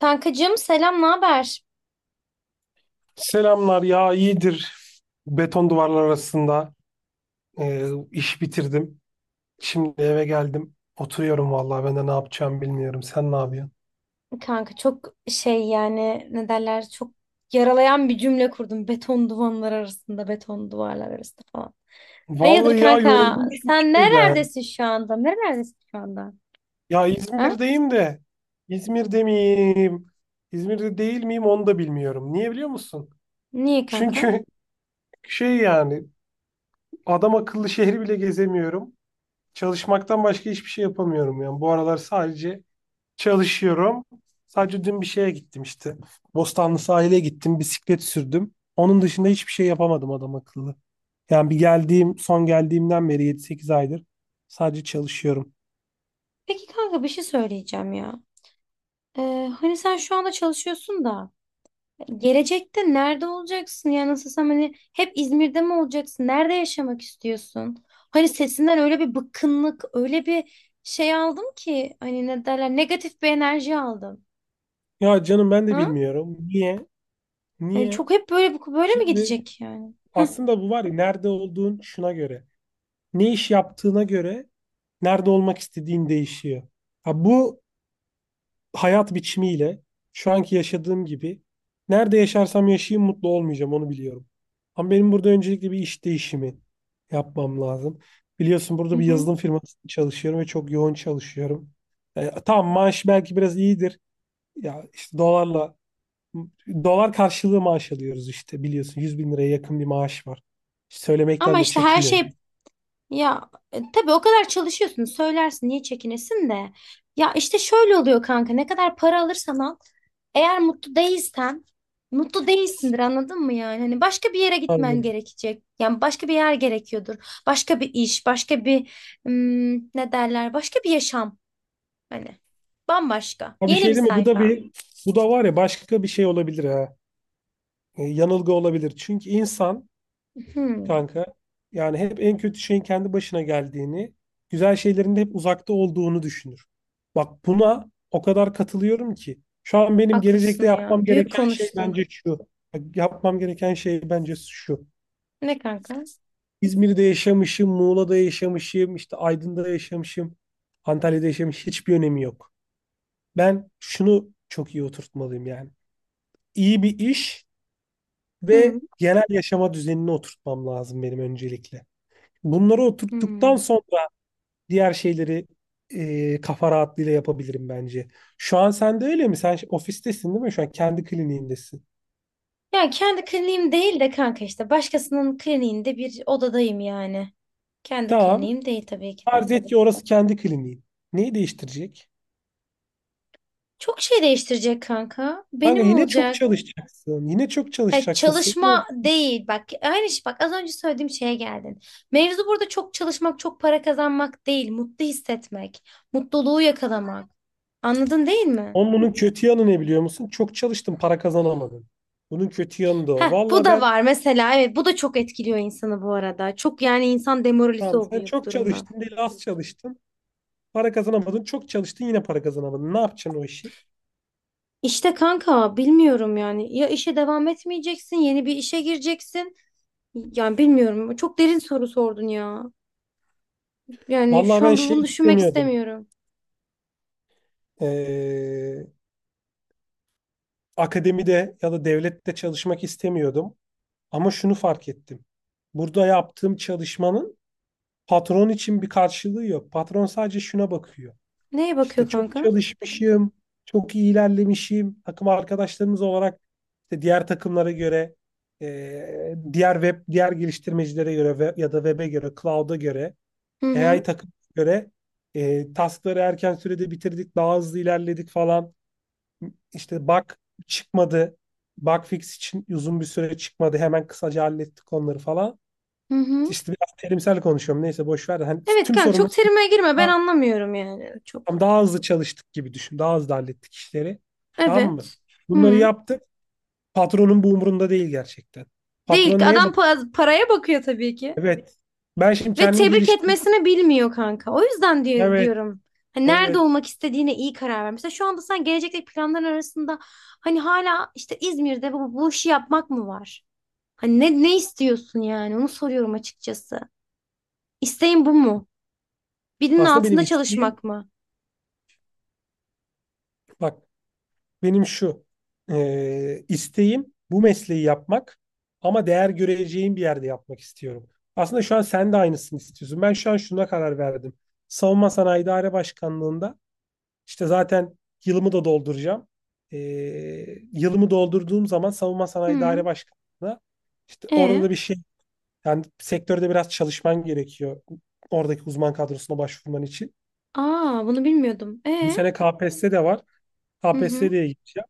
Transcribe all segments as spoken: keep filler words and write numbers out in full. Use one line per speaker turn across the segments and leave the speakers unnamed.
Kankacığım selam, ne haber?
Selamlar ya, iyidir. Beton duvarlar arasında e, iş bitirdim. Şimdi eve geldim. Oturuyorum, vallahi ben de ne yapacağım bilmiyorum. Sen ne yapıyorsun?
Kanka çok şey yani ne derler çok yaralayan bir cümle kurdum. Beton duvarlar arasında, beton duvarlar arasında falan. Hayırdır
Vallahi ya,
kanka?
yoruldum çünkü
Sen
şeyden.
nerelerdesin şu anda? Nerelerdesin şu anda?
Ya
Ha?
İzmir'deyim de. İzmir'de miyim? İzmir'de değil miyim, onu da bilmiyorum. Niye biliyor musun?
Niye kanka?
Çünkü şey yani, adam akıllı şehri bile gezemiyorum. Çalışmaktan başka hiçbir şey yapamıyorum yani. Bu aralar sadece çalışıyorum. Sadece dün bir şeye gittim işte. Bostanlı sahile gittim, bisiklet sürdüm. Onun dışında hiçbir şey yapamadım adam akıllı. Yani bir geldiğim, son geldiğimden beri yedi sekiz aydır sadece çalışıyorum.
Peki kanka bir şey söyleyeceğim ya. Ee, hani sen şu anda çalışıyorsun da. Gelecekte nerede olacaksın ya nasılsam hani hep İzmir'de mi olacaksın? Nerede yaşamak istiyorsun? Hani sesinden öyle bir bıkkınlık, öyle bir şey aldım ki hani ne derler negatif bir enerji aldım.
Ya canım, ben de
Ha?
bilmiyorum. Niye?
yani
Niye?
çok hep böyle böyle mi
Şimdi
gidecek yani?
aslında bu var ya, nerede olduğun şuna göre. Ne iş yaptığına göre nerede olmak istediğin değişiyor. Ha, bu hayat biçimiyle, şu anki yaşadığım gibi, nerede yaşarsam yaşayayım mutlu olmayacağım, onu biliyorum. Ama benim burada öncelikle bir iş değişimi yapmam lazım. Biliyorsun,
Hı
burada bir
hı.
yazılım firmasında çalışıyorum ve çok yoğun çalışıyorum. E, tamam maaş belki biraz iyidir. Ya işte dolarla dolar karşılığı maaş alıyoruz işte, biliyorsun, yüz bin liraya yakın bir maaş var. Söylemekten
Ama
de
işte her
çekinmiyorum.
şey. Ya e, tabii o kadar çalışıyorsun söylersin niye çekinesin de. Ya işte şöyle oluyor kanka ne kadar para alırsan al, eğer mutlu değilsen mutlu değilsindir, anladın mı yani? Hani başka bir yere gitmen
Aynen.
gerekecek. Yani başka bir yer gerekiyordur. Başka bir iş, başka bir hmm, ne derler? Başka bir yaşam hani. Bambaşka.
Ha, bir
Yeni
şey
bir
değil mi? Bu da
sayfa.
bir bu da var ya, başka bir şey olabilir ha. E, yanılgı olabilir. Çünkü insan
Hmm,
kanka. Yani hep en kötü şeyin kendi başına geldiğini, güzel şeylerin de hep uzakta olduğunu düşünür. Bak, buna o kadar katılıyorum ki. Şu an benim gelecekte
haklısın
yapmam
ya. Büyük
gereken şey
konuştun.
bence şu. Bak, yapmam gereken şey bence şu.
Ne kanka?
İzmir'de yaşamışım, Muğla'da yaşamışım, işte Aydın'da yaşamışım, Antalya'da yaşamış, hiçbir önemi yok. Ben şunu çok iyi oturtmalıyım yani. İyi bir iş
Hmm,
ve genel yaşama düzenini oturtmam lazım benim öncelikle. Bunları oturttuktan
hmm.
sonra diğer şeyleri e, kafa rahatlığıyla yapabilirim bence. Şu an sen de öyle mi? Sen ofistesin değil mi? Şu an kendi kliniğindesin.
Ya kendi kliniğim değil de kanka, işte başkasının kliniğinde bir odadayım yani. Kendi
Tamam.
kliniğim değil tabii ki de.
Farz et ki orası kendi kliniğin. Neyi değiştirecek?
Çok şey değiştirecek kanka.
Kanka
Benim
yine çok
olacak.
çalışacaksın. Yine çok
Ha,
çalışacaksın. Senin o-
çalışma değil bak, aynı şey, bak az önce söylediğim şeye geldin. Mevzu burada çok çalışmak çok para kazanmak değil, mutlu hissetmek, mutluluğu yakalamak, anladın değil mi?
Onun bunun kötü yanı ne biliyor musun? Çok çalıştın, para kazanamadın. Bunun kötü yanı da o.
Heh, bu
Valla
da
ben
var mesela, evet, bu da çok etkiliyor insanı bu arada, çok yani, insan demoralize
Tamam, sen
oluyor bu
çok
durumdan.
çalıştın değil, az çalıştın. Para kazanamadın. Çok çalıştın, yine para kazanamadın. Ne yapacaksın o işi?
İşte kanka bilmiyorum yani, ya işe devam etmeyeceksin yeni bir işe gireceksin, yani bilmiyorum, çok derin soru sordun ya, yani
Valla
şu
ben
an
şey
bunu düşünmek
istemiyordum.
istemiyorum.
Ee, akademide ya da devlette çalışmak istemiyordum. Ama şunu fark ettim. Burada yaptığım çalışmanın patron için bir karşılığı yok. Patron sadece şuna bakıyor.
Neye
İşte
bakıyor
çok
kanka?
çalışmışım, çok iyi ilerlemişim. Takım arkadaşlarımız olarak işte diğer takımlara göre, e, diğer web, diğer geliştirmecilere göre ve, ya da web'e göre, cloud'a göre,
Hı
A I
hı.
takım göre, e, taskları erken sürede bitirdik, daha hızlı ilerledik falan. İşte bug çıkmadı. Bug fix için uzun bir süre çıkmadı. Hemen kısaca hallettik onları falan.
Hı hı.
İşte biraz terimsel konuşuyorum. Neyse, boş ver de. Hani
Evet
tüm
kanka,
sorunları
çok terime girme, ben
daha,
anlamıyorum yani çok.
daha hızlı çalıştık gibi düşün. Daha hızlı hallettik işleri. Tamam mı?
Evet.
Bunları
Hı.
yaptık. Patronun bu umurunda değil gerçekten. Patron
Değil,
neye
adam
bakıyor?
pa- paraya bakıyor tabii ki.
Evet. Ben şimdi
Ve
kendimi
tebrik
geliştireyim.
etmesini bilmiyor kanka. O yüzden diye-
Evet.
diyorum. Hani nerede
Evet.
olmak istediğine iyi karar ver. Mesela şu anda sen gelecekteki planların arasında hani hala işte İzmir'de bu, bu işi yapmak mı var? Hani ne, ne istiyorsun yani? Onu soruyorum açıkçası. İsteğin bu mu? Birinin
Aslında benim
altında
isteğim,
çalışmak mı?
bak, benim şu e, isteğim, bu mesleği yapmak, ama değer göreceğim bir yerde yapmak istiyorum. Aslında şu an sen de aynısını istiyorsun. Ben şu an şuna karar verdim. Savunma Sanayi İdare Başkanlığı'nda işte zaten yılımı da dolduracağım. E, yılımı doldurduğum zaman Savunma Sanayi İdare
Hı.
Başkanlığı'na, işte orada da
E.
bir şey, yani sektörde biraz çalışman gerekiyor. Oradaki uzman kadrosuna başvurman için.
Aa, bunu bilmiyordum.
Bu
E.
sene K P S S de var.
Hı
K P S S
hı.
diye gideceğim.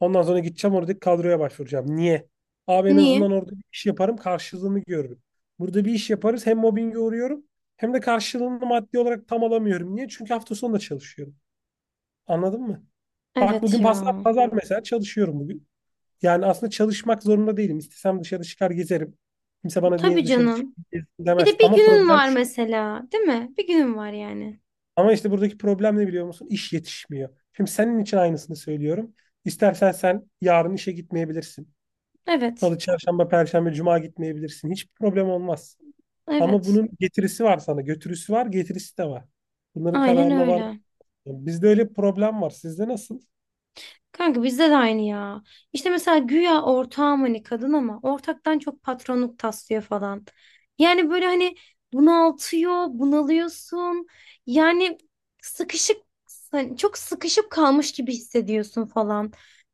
Ondan sonra gideceğim, oradaki kadroya başvuracağım. Niye? Abi, en
Niye?
azından orada bir iş yaparım, karşılığını görürüm. Burada bir iş yaparız, hem mobbinge uğruyorum hem de karşılığını maddi olarak tam alamıyorum. Niye? Çünkü hafta sonu da çalışıyorum. Anladın mı? Bak,
Evet
bugün pazar,
ya.
pazar mesela çalışıyorum bugün. Yani aslında çalışmak zorunda değilim. İstesem dışarı çıkar, gezerim. Kimse bana niye
Tabii
dışarı çık,
canım.
gez
Bir
demez.
de bir
Ama
günün
problem
var
şu.
mesela, değil mi? Bir günün var yani.
Ama işte buradaki problem ne biliyor musun? İş yetişmiyor. Şimdi senin için aynısını söylüyorum. İstersen sen yarın işe gitmeyebilirsin.
Evet.
Salı, çarşamba, perşembe, cuma gitmeyebilirsin. Hiçbir problem olmaz. Ama
Evet.
bunun getirisi var sana. Götürüsü var, getirisi de var. Bunların
Aynen
kararına var.
öyle.
Bizde öyle bir problem var. Sizde nasıl?
Kanka bizde de aynı ya. İşte mesela güya ortağım, hani kadın ama ortaktan çok patronluk taslıyor falan. Yani böyle hani bunaltıyor, bunalıyorsun. Yani sıkışık, hani çok sıkışıp kalmış gibi hissediyorsun falan.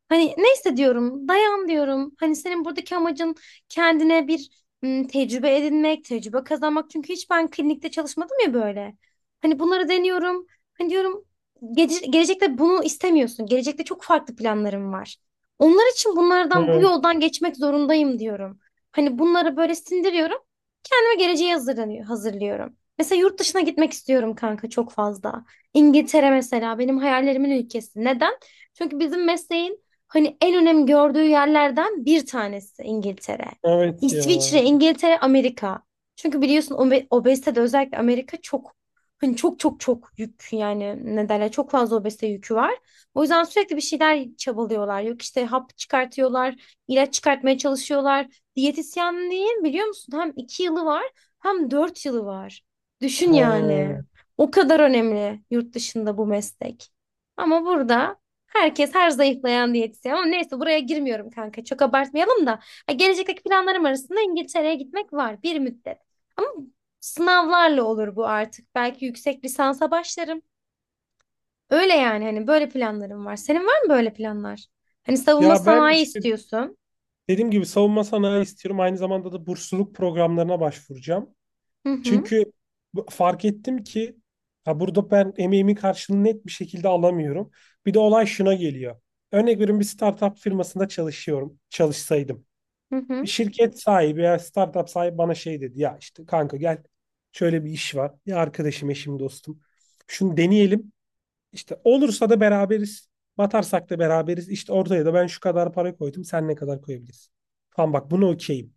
Hani ne hissediyorum? Dayan diyorum. Hani senin buradaki amacın kendine bir ım, tecrübe edinmek, tecrübe kazanmak. Çünkü hiç ben klinikte çalışmadım ya böyle. Hani bunları deniyorum. Hani diyorum, Gece- gelecekte bunu istemiyorsun. Gelecekte çok farklı planlarım var. Onlar için bunlardan, bu
Evet.
yoldan geçmek zorundayım diyorum. Hani bunları böyle sindiriyorum. Kendime geleceğe hazırlanıyor, hazırlıyorum. Mesela yurt dışına gitmek istiyorum kanka, çok fazla. İngiltere mesela benim hayallerimin ülkesi. Neden? Çünkü bizim mesleğin hani en önem gördüğü yerlerden bir tanesi İngiltere.
Evet ya.
İsviçre, İngiltere, Amerika. Çünkü biliyorsun obe- obezitede özellikle Amerika çok. Hani çok çok çok yük, yani ne derler, çok fazla obezite yükü var. O yüzden sürekli bir şeyler çabalıyorlar. Yok işte hap çıkartıyorlar, ilaç çıkartmaya çalışıyorlar. Diyetisyenliğin biliyor musun, hem iki yılı var hem dört yılı var. Düşün yani.
Ha.
O kadar önemli yurt dışında bu meslek. Ama burada herkes her zayıflayan diyetisyen. Ama neyse, buraya girmiyorum kanka. Çok abartmayalım da. Ha, gelecekteki planlarım arasında İngiltere'ye gitmek var bir müddet. Ama sınavlarla olur bu artık. Belki yüksek lisansa başlarım. Öyle yani, hani böyle planlarım var. Senin var mı böyle planlar? Hani savunma
Ya ben
sanayi
işte,
istiyorsun.
dediğim gibi, savunma sanayi istiyorum. Aynı zamanda da bursluluk programlarına başvuracağım.
Hı hı.
Çünkü bu- fark ettim ki, ha, burada ben emeğimin karşılığını net bir şekilde alamıyorum. Bir de olay şuna geliyor. Örnek veriyorum, bir startup firmasında çalışıyorum. Çalışsaydım,
Hı
bir
hı.
şirket sahibi ya startup sahibi bana şey dedi ya: işte kanka, gel, şöyle bir iş var ya, arkadaşım, eşim, dostum, şunu deneyelim, işte olursa da beraberiz, batarsak da beraberiz, işte ortaya da ben şu kadar para koydum, sen ne kadar koyabilirsin falan, bak buna okeyim.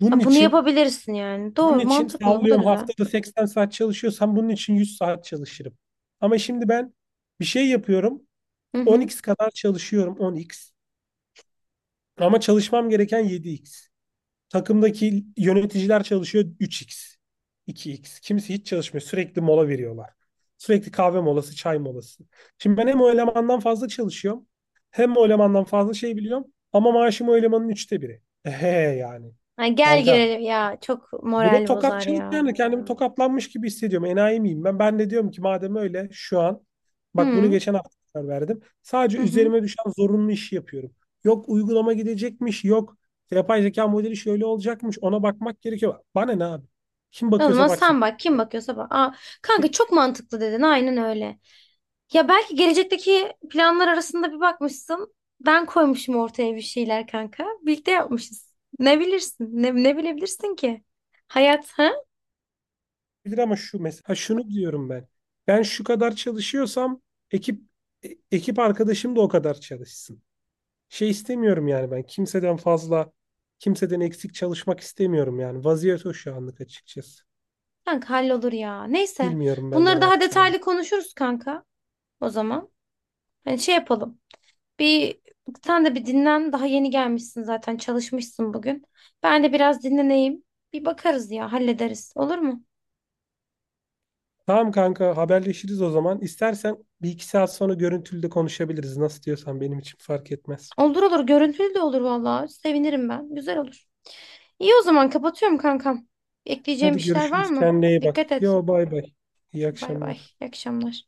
bunun
Ha, bunu
için
yapabilirsin yani.
bunun
Doğru,
için
mantıklı. Bu da
sallıyorum,
güzel.
haftada seksen saat çalışıyorsam bunun için yüz saat çalışırım. Ama şimdi ben bir şey yapıyorum,
Hı
on
hı.
x kadar çalışıyorum, on x, ama çalışmam gereken yedi x. Takımdaki yöneticiler çalışıyor üç x, iki x. Kimisi hiç çalışmıyor. Sürekli mola veriyorlar. Sürekli kahve molası, çay molası. Şimdi ben hem o elemandan fazla çalışıyorum, hem o elemandan fazla şey biliyorum, ama maaşım o elemanın üçte biri. Ehe yani.
Ay, gel
Kanka,
gelelim ya. Çok
bu da
moral bozar
tokatçılık,
ya.
yani kendimi tokatlanmış gibi hissediyorum. Enayi miyim ben? Ben de diyorum ki madem öyle, şu an, bak, bunu
Hı
geçen hafta karar verdim. Sadece
hı hı.
üzerime düşen zorunlu işi yapıyorum. Yok uygulama gidecekmiş, yok yapay zeka modeli şöyle olacakmış. Ona bakmak gerekiyor. Bana ne abi? Kim
O
bakıyorsa
zaman
baksın.
sen bak, kim bakıyorsa bak. Aa, kanka çok mantıklı dedin, aynen öyle. Ya belki gelecekteki planlar arasında bir bakmışsın. Ben koymuşum ortaya bir şeyler kanka. Birlikte yapmışız. Ne bilirsin? Ne, ne bilebilirsin ki? Hayat ha?
Bilir ama şu mesela, şunu diyorum ben. Ben şu kadar çalışıyorsam, ekip e- ekip arkadaşım da o kadar çalışsın. Şey istemiyorum yani, ben kimseden fazla, kimseden eksik çalışmak istemiyorum yani. Vaziyet o şu anlık, açıkçası.
Kanka hallolur ya. Neyse.
Bilmiyorum ben de ne
Bunları daha
yapacağımı.
detaylı konuşuruz kanka. O zaman. Hani şey yapalım. Bir, sen de bir dinlen. Daha yeni gelmişsin zaten. Çalışmışsın bugün. Ben de biraz dinleneyim. Bir bakarız ya. Hallederiz. Olur mu?
Tamam kanka, haberleşiriz o zaman. İstersen bir iki saat sonra görüntülü de konuşabiliriz. Nasıl diyorsan, benim için fark etmez.
Olur olur, görüntülü de olur vallahi. Sevinirim ben. Güzel olur. İyi o zaman, kapatıyorum kankam. Ekleyeceğim
Hadi
bir şeyler var
görüşürüz.
mı?
Kendine iyi bak.
Dikkat et.
Yo, bay bay. İyi
Bay bay.
akşamlar.
İyi akşamlar.